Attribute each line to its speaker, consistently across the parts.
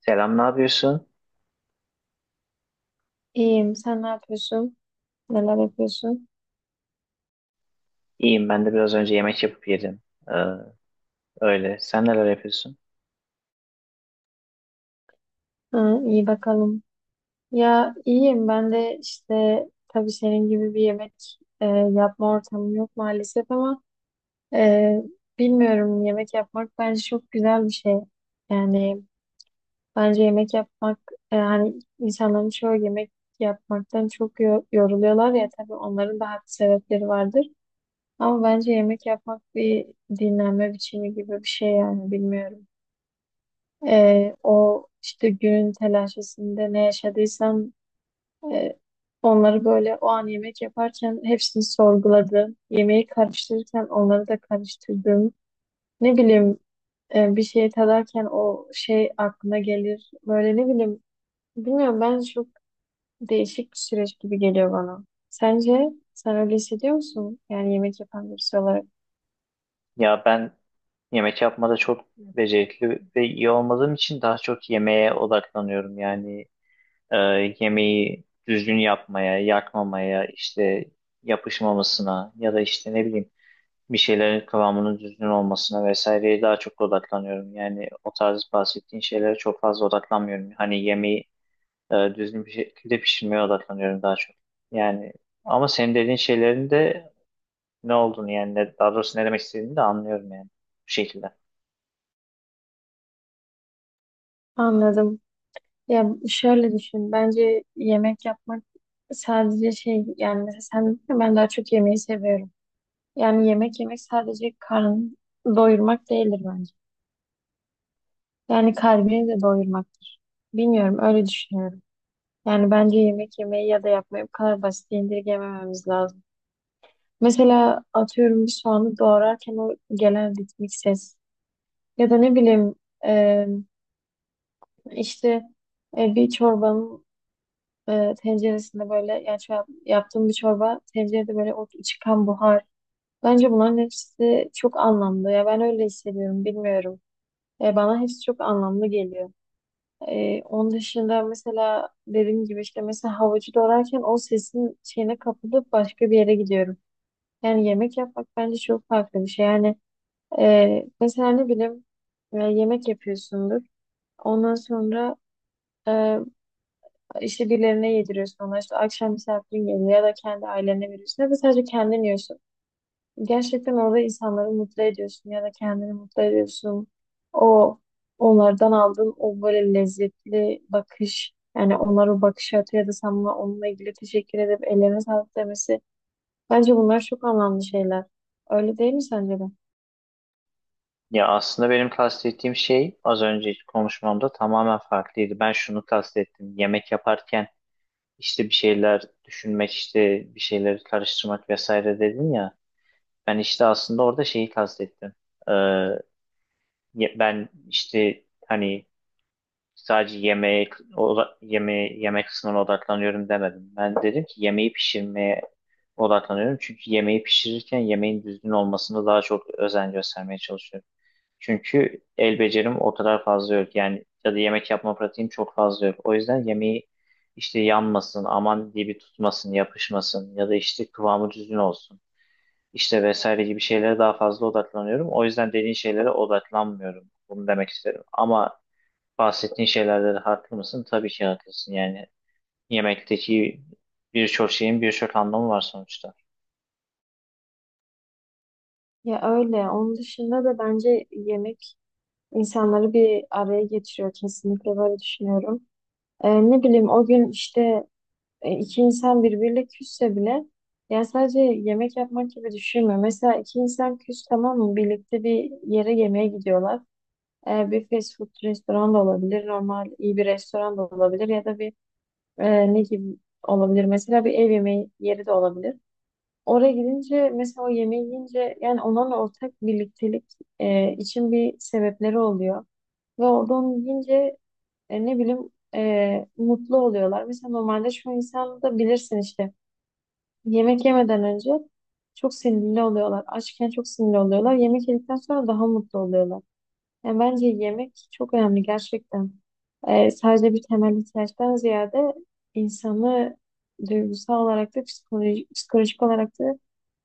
Speaker 1: Selam, ne yapıyorsun?
Speaker 2: İyiyim. Sen ne yapıyorsun? Neler yapıyorsun?
Speaker 1: İyiyim, ben de biraz önce yemek yapıp yedim. Ee, öyle. Sen neler yapıyorsun?
Speaker 2: Ha, iyi bakalım. Ya iyiyim. Ben de işte tabii senin gibi bir yemek yapma ortamım yok maalesef ama e, bilmiyorum yemek yapmak bence çok güzel bir şey. Yani bence yemek yapmak hani insanların çoğu yemek yapmaktan çok yoruluyorlar ya tabii onların da haklı sebepleri vardır. Ama bence yemek yapmak bir dinlenme biçimi gibi bir şey yani bilmiyorum. O işte günün telaşesinde ne yaşadıysam e, onları böyle o an yemek yaparken hepsini sorguladım. Yemeği karıştırırken onları da karıştırdım. Ne bileyim bir şey tadarken o şey aklına gelir. Böyle ne bileyim bilmiyorum ben çok değişik bir süreç gibi geliyor bana. Sence sen öyle hissediyor musun? Yani yemek yapan birisi olarak.
Speaker 1: Ya ben yemek yapmada çok becerikli ve iyi olmadığım için daha çok yemeğe odaklanıyorum. Yani e, yemeği düzgün yapmaya, yakmamaya, işte yapışmamasına ya da işte ne bileyim bir şeylerin kıvamının düzgün olmasına vesaireye daha çok odaklanıyorum. Yani o tarz bahsettiğin şeylere çok fazla odaklanmıyorum. Hani yemeği düzgün bir şekilde pişirmeye odaklanıyorum daha çok. Yani ama senin dediğin şeylerin de ne olduğunu yani daha doğrusu ne demek istediğini de anlıyorum, yani bu şekilde.
Speaker 2: Anladım. Ya şöyle düşün. Bence yemek yapmak sadece şey yani mesela sen dedin ya, ben daha çok yemeği seviyorum. Yani yemek yemek sadece karnı doyurmak değildir bence. Yani kalbini de doyurmaktır. Bilmiyorum öyle düşünüyorum. Yani bence yemek yemeyi ya da yapmayı bu kadar basit indirgemememiz lazım. Mesela atıyorum bir soğanı doğrarken o gelen ritmik ses ya da ne bileyim e, işte bir çorbanın tenceresinde böyle yani şu yaptığım bir çorba tencerede böyle o çıkan buhar. Bence bunların hepsi çok anlamlı. Ya ben öyle hissediyorum bilmiyorum. Bana hepsi çok anlamlı geliyor. Onun dışında mesela dediğim gibi işte mesela havucu doğrarken o sesin şeyine kapılıp başka bir yere gidiyorum. Yani yemek yapmak bence çok farklı bir şey. Yani mesela ne bileyim yemek yapıyorsundur. Ondan sonra e, İşte birilerine yediriyorsun ona işte akşam misafirin geliyor ya da kendi ailene veriyorsun ya da sadece kendin yiyorsun. Gerçekten orada insanları mutlu ediyorsun ya da kendini mutlu ediyorsun. O onlardan aldığın o böyle lezzetli bakış yani onlara o bakış atıyor ya da sen onunla ilgili teşekkür edip ellerine sağlık demesi. Bence bunlar çok anlamlı şeyler. Öyle değil mi sence de?
Speaker 1: Ya aslında benim kastettiğim şey az önce konuşmamda tamamen farklıydı. Ben şunu kastettim. Yemek yaparken işte bir şeyler düşünmek, işte bir şeyleri karıştırmak vesaire dedin ya. Ben işte aslında orada şeyi kastettim. Ee, ben işte hani sadece yemeğe yemeğe yemek kısmına odaklanıyorum demedim. Ben dedim ki yemeği pişirmeye odaklanıyorum. Çünkü yemeği pişirirken yemeğin düzgün olmasına daha çok özen göstermeye çalışıyorum. Çünkü el becerim o kadar fazla yok. Yani ya da yemek yapma pratiğim çok fazla yok. O yüzden yemeği işte yanmasın, aman diye bir tutmasın, yapışmasın ya da işte kıvamı düzgün olsun. İşte vesaire gibi şeylere daha fazla odaklanıyorum. O yüzden dediğin şeylere odaklanmıyorum. Bunu demek isterim. Ama bahsettiğin şeylerde de haklı mısın? Tabii ki haklısın. Yani yemekteki birçok şeyin birçok anlamı var sonuçta.
Speaker 2: Ya öyle. Onun dışında da bence yemek insanları bir araya getiriyor. Kesinlikle böyle düşünüyorum. Ne bileyim o gün işte iki insan birbiriyle küsse bile ya sadece yemek yapmak gibi düşünme. Mesela iki insan küs tamam mı? Birlikte bir yere yemeğe gidiyorlar. E, bir fast food restoran da olabilir. Normal iyi bir restoran da olabilir. Ya da bir ne gibi olabilir? Mesela bir ev yemeği yeri de olabilir. Oraya gidince mesela o yemeği yiyince yani onunla ortak birliktelik için bir sebepleri oluyor. Ve orada onu yiyince ne bileyim mutlu oluyorlar. Mesela normalde şu insan da bilirsin işte yemek yemeden önce çok sinirli oluyorlar. Açken çok sinirli oluyorlar. Yemek yedikten sonra daha mutlu oluyorlar. Yani bence yemek çok önemli gerçekten. Sadece bir temel ihtiyaçtan ziyade insanı duygusal olarak da psikolojik olarak da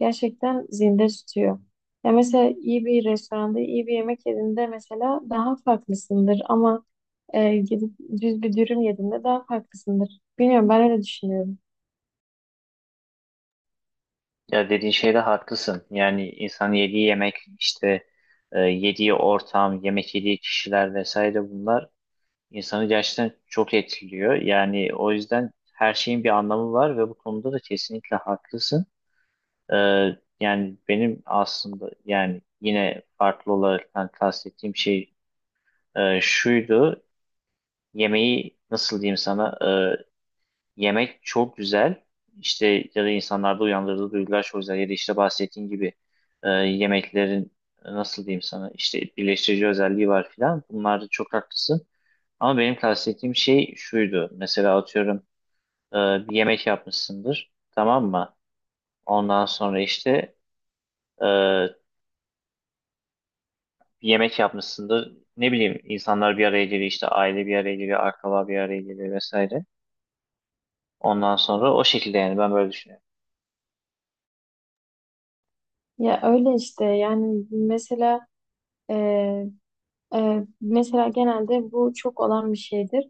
Speaker 2: gerçekten zinde tutuyor. Ya mesela iyi bir restoranda iyi bir yemek yediğinde mesela daha farklısındır ama gidip düz bir dürüm yediğinde daha farklısındır. Bilmiyorum ben öyle düşünüyorum.
Speaker 1: Ya dediğin şeyde haklısın. Yani insan yediği yemek, işte yediği ortam, yemek yediği kişiler vesaire bunlar insanı gerçekten çok etkiliyor. Yani o yüzden her şeyin bir anlamı var ve bu konuda da kesinlikle haklısın. E, yani benim aslında, yani yine farklı olarak kastettiğim şey şuydu. Yemeği nasıl diyeyim sana, yemek çok güzel işte, ya da insanlarda uyandırdığı duygular çok güzel, ya da işte bahsettiğin gibi yemeklerin nasıl diyeyim sana, işte birleştirici özelliği var filan, bunlarda çok haklısın. Ama benim kastettiğim şey şuydu: mesela atıyorum bir yemek yapmışsındır, tamam mı? Ondan sonra işte e, bir yemek yapmışsındır, ne bileyim insanlar bir araya geliyor, işte aile bir araya geliyor, akraba bir araya geliyor vesaire. Ondan sonra o şekilde, yani ben böyle düşünüyorum.
Speaker 2: Ya öyle işte yani mesela e, mesela genelde bu çok olan bir şeydir.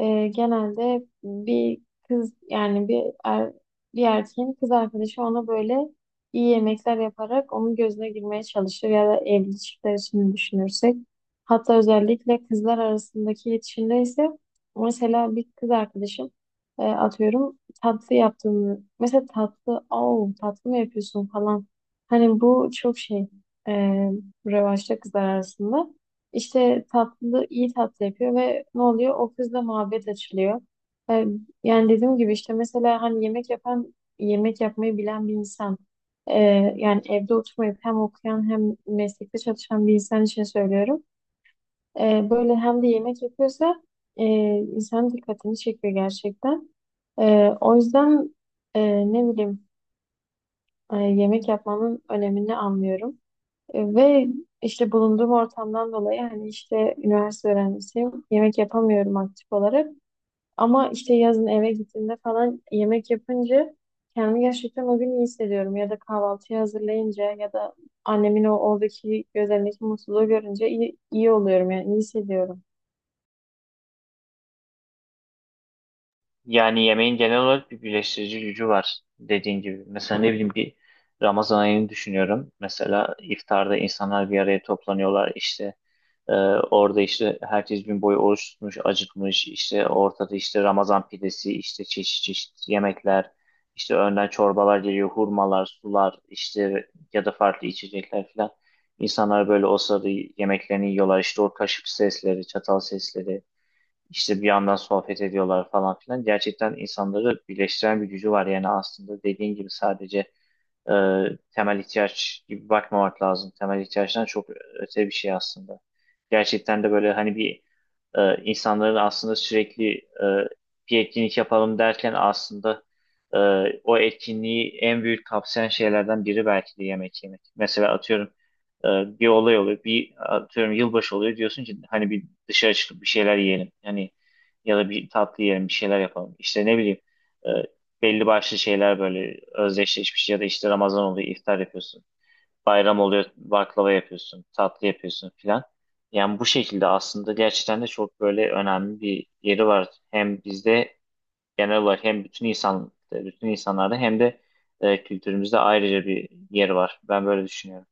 Speaker 2: Genelde bir kız yani bir erkeğin kız arkadaşı ona böyle iyi yemekler yaparak onun gözüne girmeye çalışır ya da evli çiftler için düşünürsek. Hatta özellikle kızlar arasındaki iletişimde ise mesela bir kız arkadaşım atıyorum tatlı yaptığını mesela tatlı "Au, tatlı mı yapıyorsun falan hani bu çok şey e, revaçta kızlar arasında. İşte tatlı, iyi tatlı yapıyor ve ne oluyor? O kızla muhabbet açılıyor. Ee, Yani dediğim gibi işte mesela hani yemek yapan, yemek yapmayı bilen bir insan. ee, Yani evde oturmayıp hem okuyan hem meslekte çalışan bir insan için söylüyorum. Böyle hem de yemek yapıyorsa ee, insanın dikkatini çekiyor gerçekten. O yüzden ne bileyim yemek yapmanın önemini anlıyorum. Ve işte bulunduğum ortamdan dolayı hani işte üniversite öğrencisiyim. Yemek yapamıyorum aktif olarak. Ama işte yazın eve gittiğimde falan yemek yapınca kendimi gerçekten o gün iyi hissediyorum. Ya da kahvaltıyı hazırlayınca ya da annemin o oradaki gözlerindeki mutluluğu görünce iyi oluyorum yani iyi hissediyorum.
Speaker 1: Yani yemeğin genel olarak bir birleştirici gücü var, dediğin gibi. Mesela ne bileyim bir Ramazan ayını düşünüyorum. Mesela iftarda insanlar bir araya toplanıyorlar, işte e, orada işte herkes gün boyu oruç tutmuş, acıkmış. İşte ortada işte Ramazan pidesi, işte çeşit çeşit yemekler, işte önden çorbalar geliyor, hurmalar, sular işte, ya da farklı içecekler falan. İnsanlar böyle o sırada yemeklerini yiyorlar. İşte o kaşık sesleri, çatal sesleri. İşte bir yandan sohbet ediyorlar falan filan. Gerçekten insanları birleştiren bir gücü var. Yani aslında dediğin gibi sadece e, temel ihtiyaç gibi bakmamak lazım. Temel ihtiyaçtan çok öte bir şey aslında. Gerçekten de böyle hani bir insanların aslında sürekli bir etkinlik yapalım derken aslında e, o etkinliği en büyük kapsayan şeylerden biri belki de yemek yemek. Mesela atıyorum e, bir olay oluyor, bir atıyorum yılbaşı oluyor, diyorsun ki hani bir dışarı çıkıp bir şeyler yiyelim. Hani ya da bir tatlı yiyelim, bir şeyler yapalım. İşte ne bileyim e, belli başlı şeyler böyle özdeşleşmiş, ya da işte Ramazan oluyor, iftar yapıyorsun. Bayram oluyor, baklava yapıyorsun, tatlı yapıyorsun filan. Yani bu şekilde aslında gerçekten de çok böyle önemli bir yeri var. Hem bizde genel olarak hem bütün insan bütün insanlarda, hem de kültürümüzde ayrıca bir yeri var. Ben böyle düşünüyorum.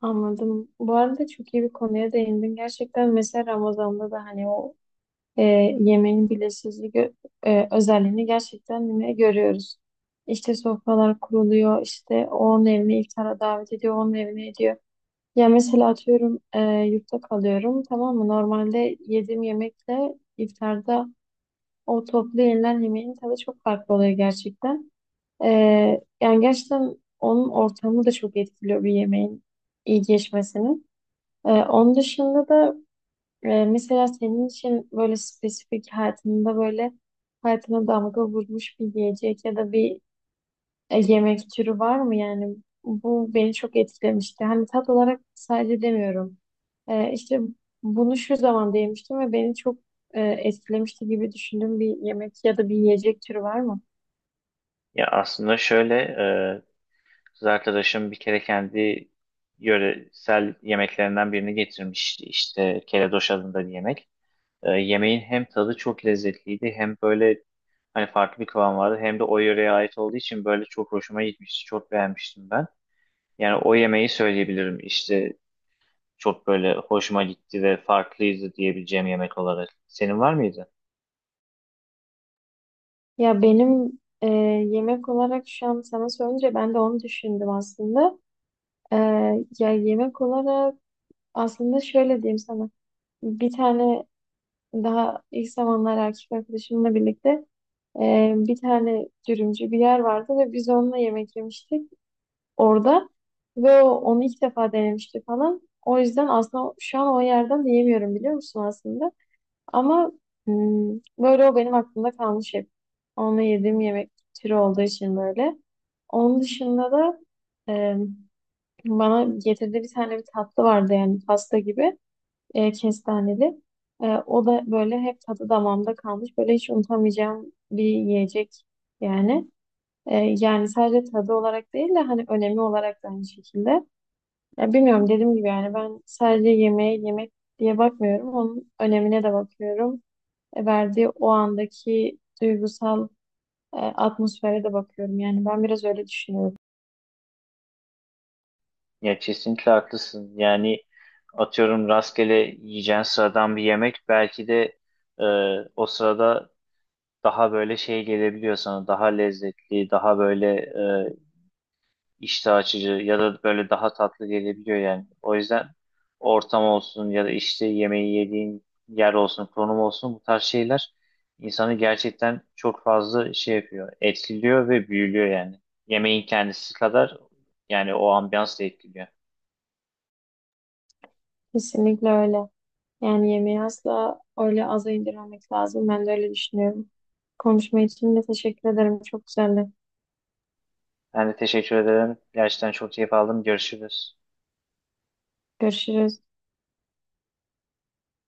Speaker 2: Anladım. Bu arada çok iyi bir konuya değindin. Gerçekten mesela Ramazan'da da hani o e, yemeğin özelliğini gerçekten yine görüyoruz. İşte sofralar kuruluyor, işte onun evine iftara davet ediyor, onun evine ediyor. Ya mesela atıyorum yurtta kalıyorum tamam mı? Normalde yediğim yemekle iftarda o toplu yenilen yemeğin tadı çok farklı oluyor gerçekten. E, Yani gerçekten onun ortamı da çok etkiliyor bir yemeğin iyi geçmesini. Onun dışında da mesela senin için böyle spesifik hayatında böyle hayatına damga vurmuş bir yiyecek ya da bir yemek türü var mı? Yani bu beni çok etkilemişti. Hani tat olarak sadece demiyorum. İşte bunu şu zaman yemiştim ve beni çok etkilemişti gibi düşündüğüm bir yemek ya da bir yiyecek türü var mı?
Speaker 1: Ya aslında şöyle, e, kız arkadaşım bir kere kendi yöresel yemeklerinden birini getirmişti. İşte keledoş adında bir yemek. Yemeğin hem tadı çok lezzetliydi, hem böyle hani farklı bir kıvam vardı, hem de o yöreye ait olduğu için böyle çok hoşuma gitmişti. Çok beğenmiştim ben. Yani o yemeği söyleyebilirim. İşte çok böyle hoşuma gitti ve farklıydı diyebileceğim yemek olarak. Senin var mıydı?
Speaker 2: Ya benim yemek olarak şu an sana sorunca ben de onu düşündüm aslında. Ee, Ya yemek olarak aslında şöyle diyeyim sana. Bir tane daha ilk zamanlar erkek arkadaşımla birlikte bir tane dürümcü bir yer vardı ve biz onunla yemek yemiştik orada ve onu ilk defa denemişti falan. O yüzden aslında şu an o yerden de yemiyorum biliyor musun aslında. Ama böyle o benim aklımda kalmış hep. Onunla yediğim yemek türü olduğu için böyle. Onun dışında da e, bana getirdiği bir tane bir tatlı vardı yani pasta gibi kestaneli. O da böyle hep tadı damağımda kalmış. Böyle hiç unutamayacağım bir yiyecek yani. Yani sadece tadı olarak değil de hani önemi olarak da aynı şekilde. Ya bilmiyorum dediğim gibi yani ben sadece yemeğe yemek diye bakmıyorum. Onun önemine de bakıyorum. Verdiği o andaki duygusal atmosfere de bakıyorum. Yani ben biraz öyle düşünüyorum.
Speaker 1: Ya kesinlikle haklısın. Yani atıyorum rastgele yiyeceğin sıradan bir yemek belki de e, o sırada daha böyle şey gelebiliyor sana. Daha lezzetli, daha böyle iştah açıcı ya da böyle daha tatlı gelebiliyor yani. O yüzden ortam olsun ya da işte yemeği yediğin yer olsun, konum olsun, bu tarz şeyler insanı gerçekten çok fazla şey yapıyor, etkiliyor ve büyülüyor yani. Yemeğin kendisi kadar yani o ambiyans da etkiliyor.
Speaker 2: Kesinlikle öyle. Yani yemeği asla öyle aza indirmemek lazım. Ben de öyle düşünüyorum. Konuşma için de teşekkür ederim. Çok güzeldi.
Speaker 1: Ben de teşekkür ederim. Gerçekten çok keyif aldım. Görüşürüz.
Speaker 2: Görüşürüz.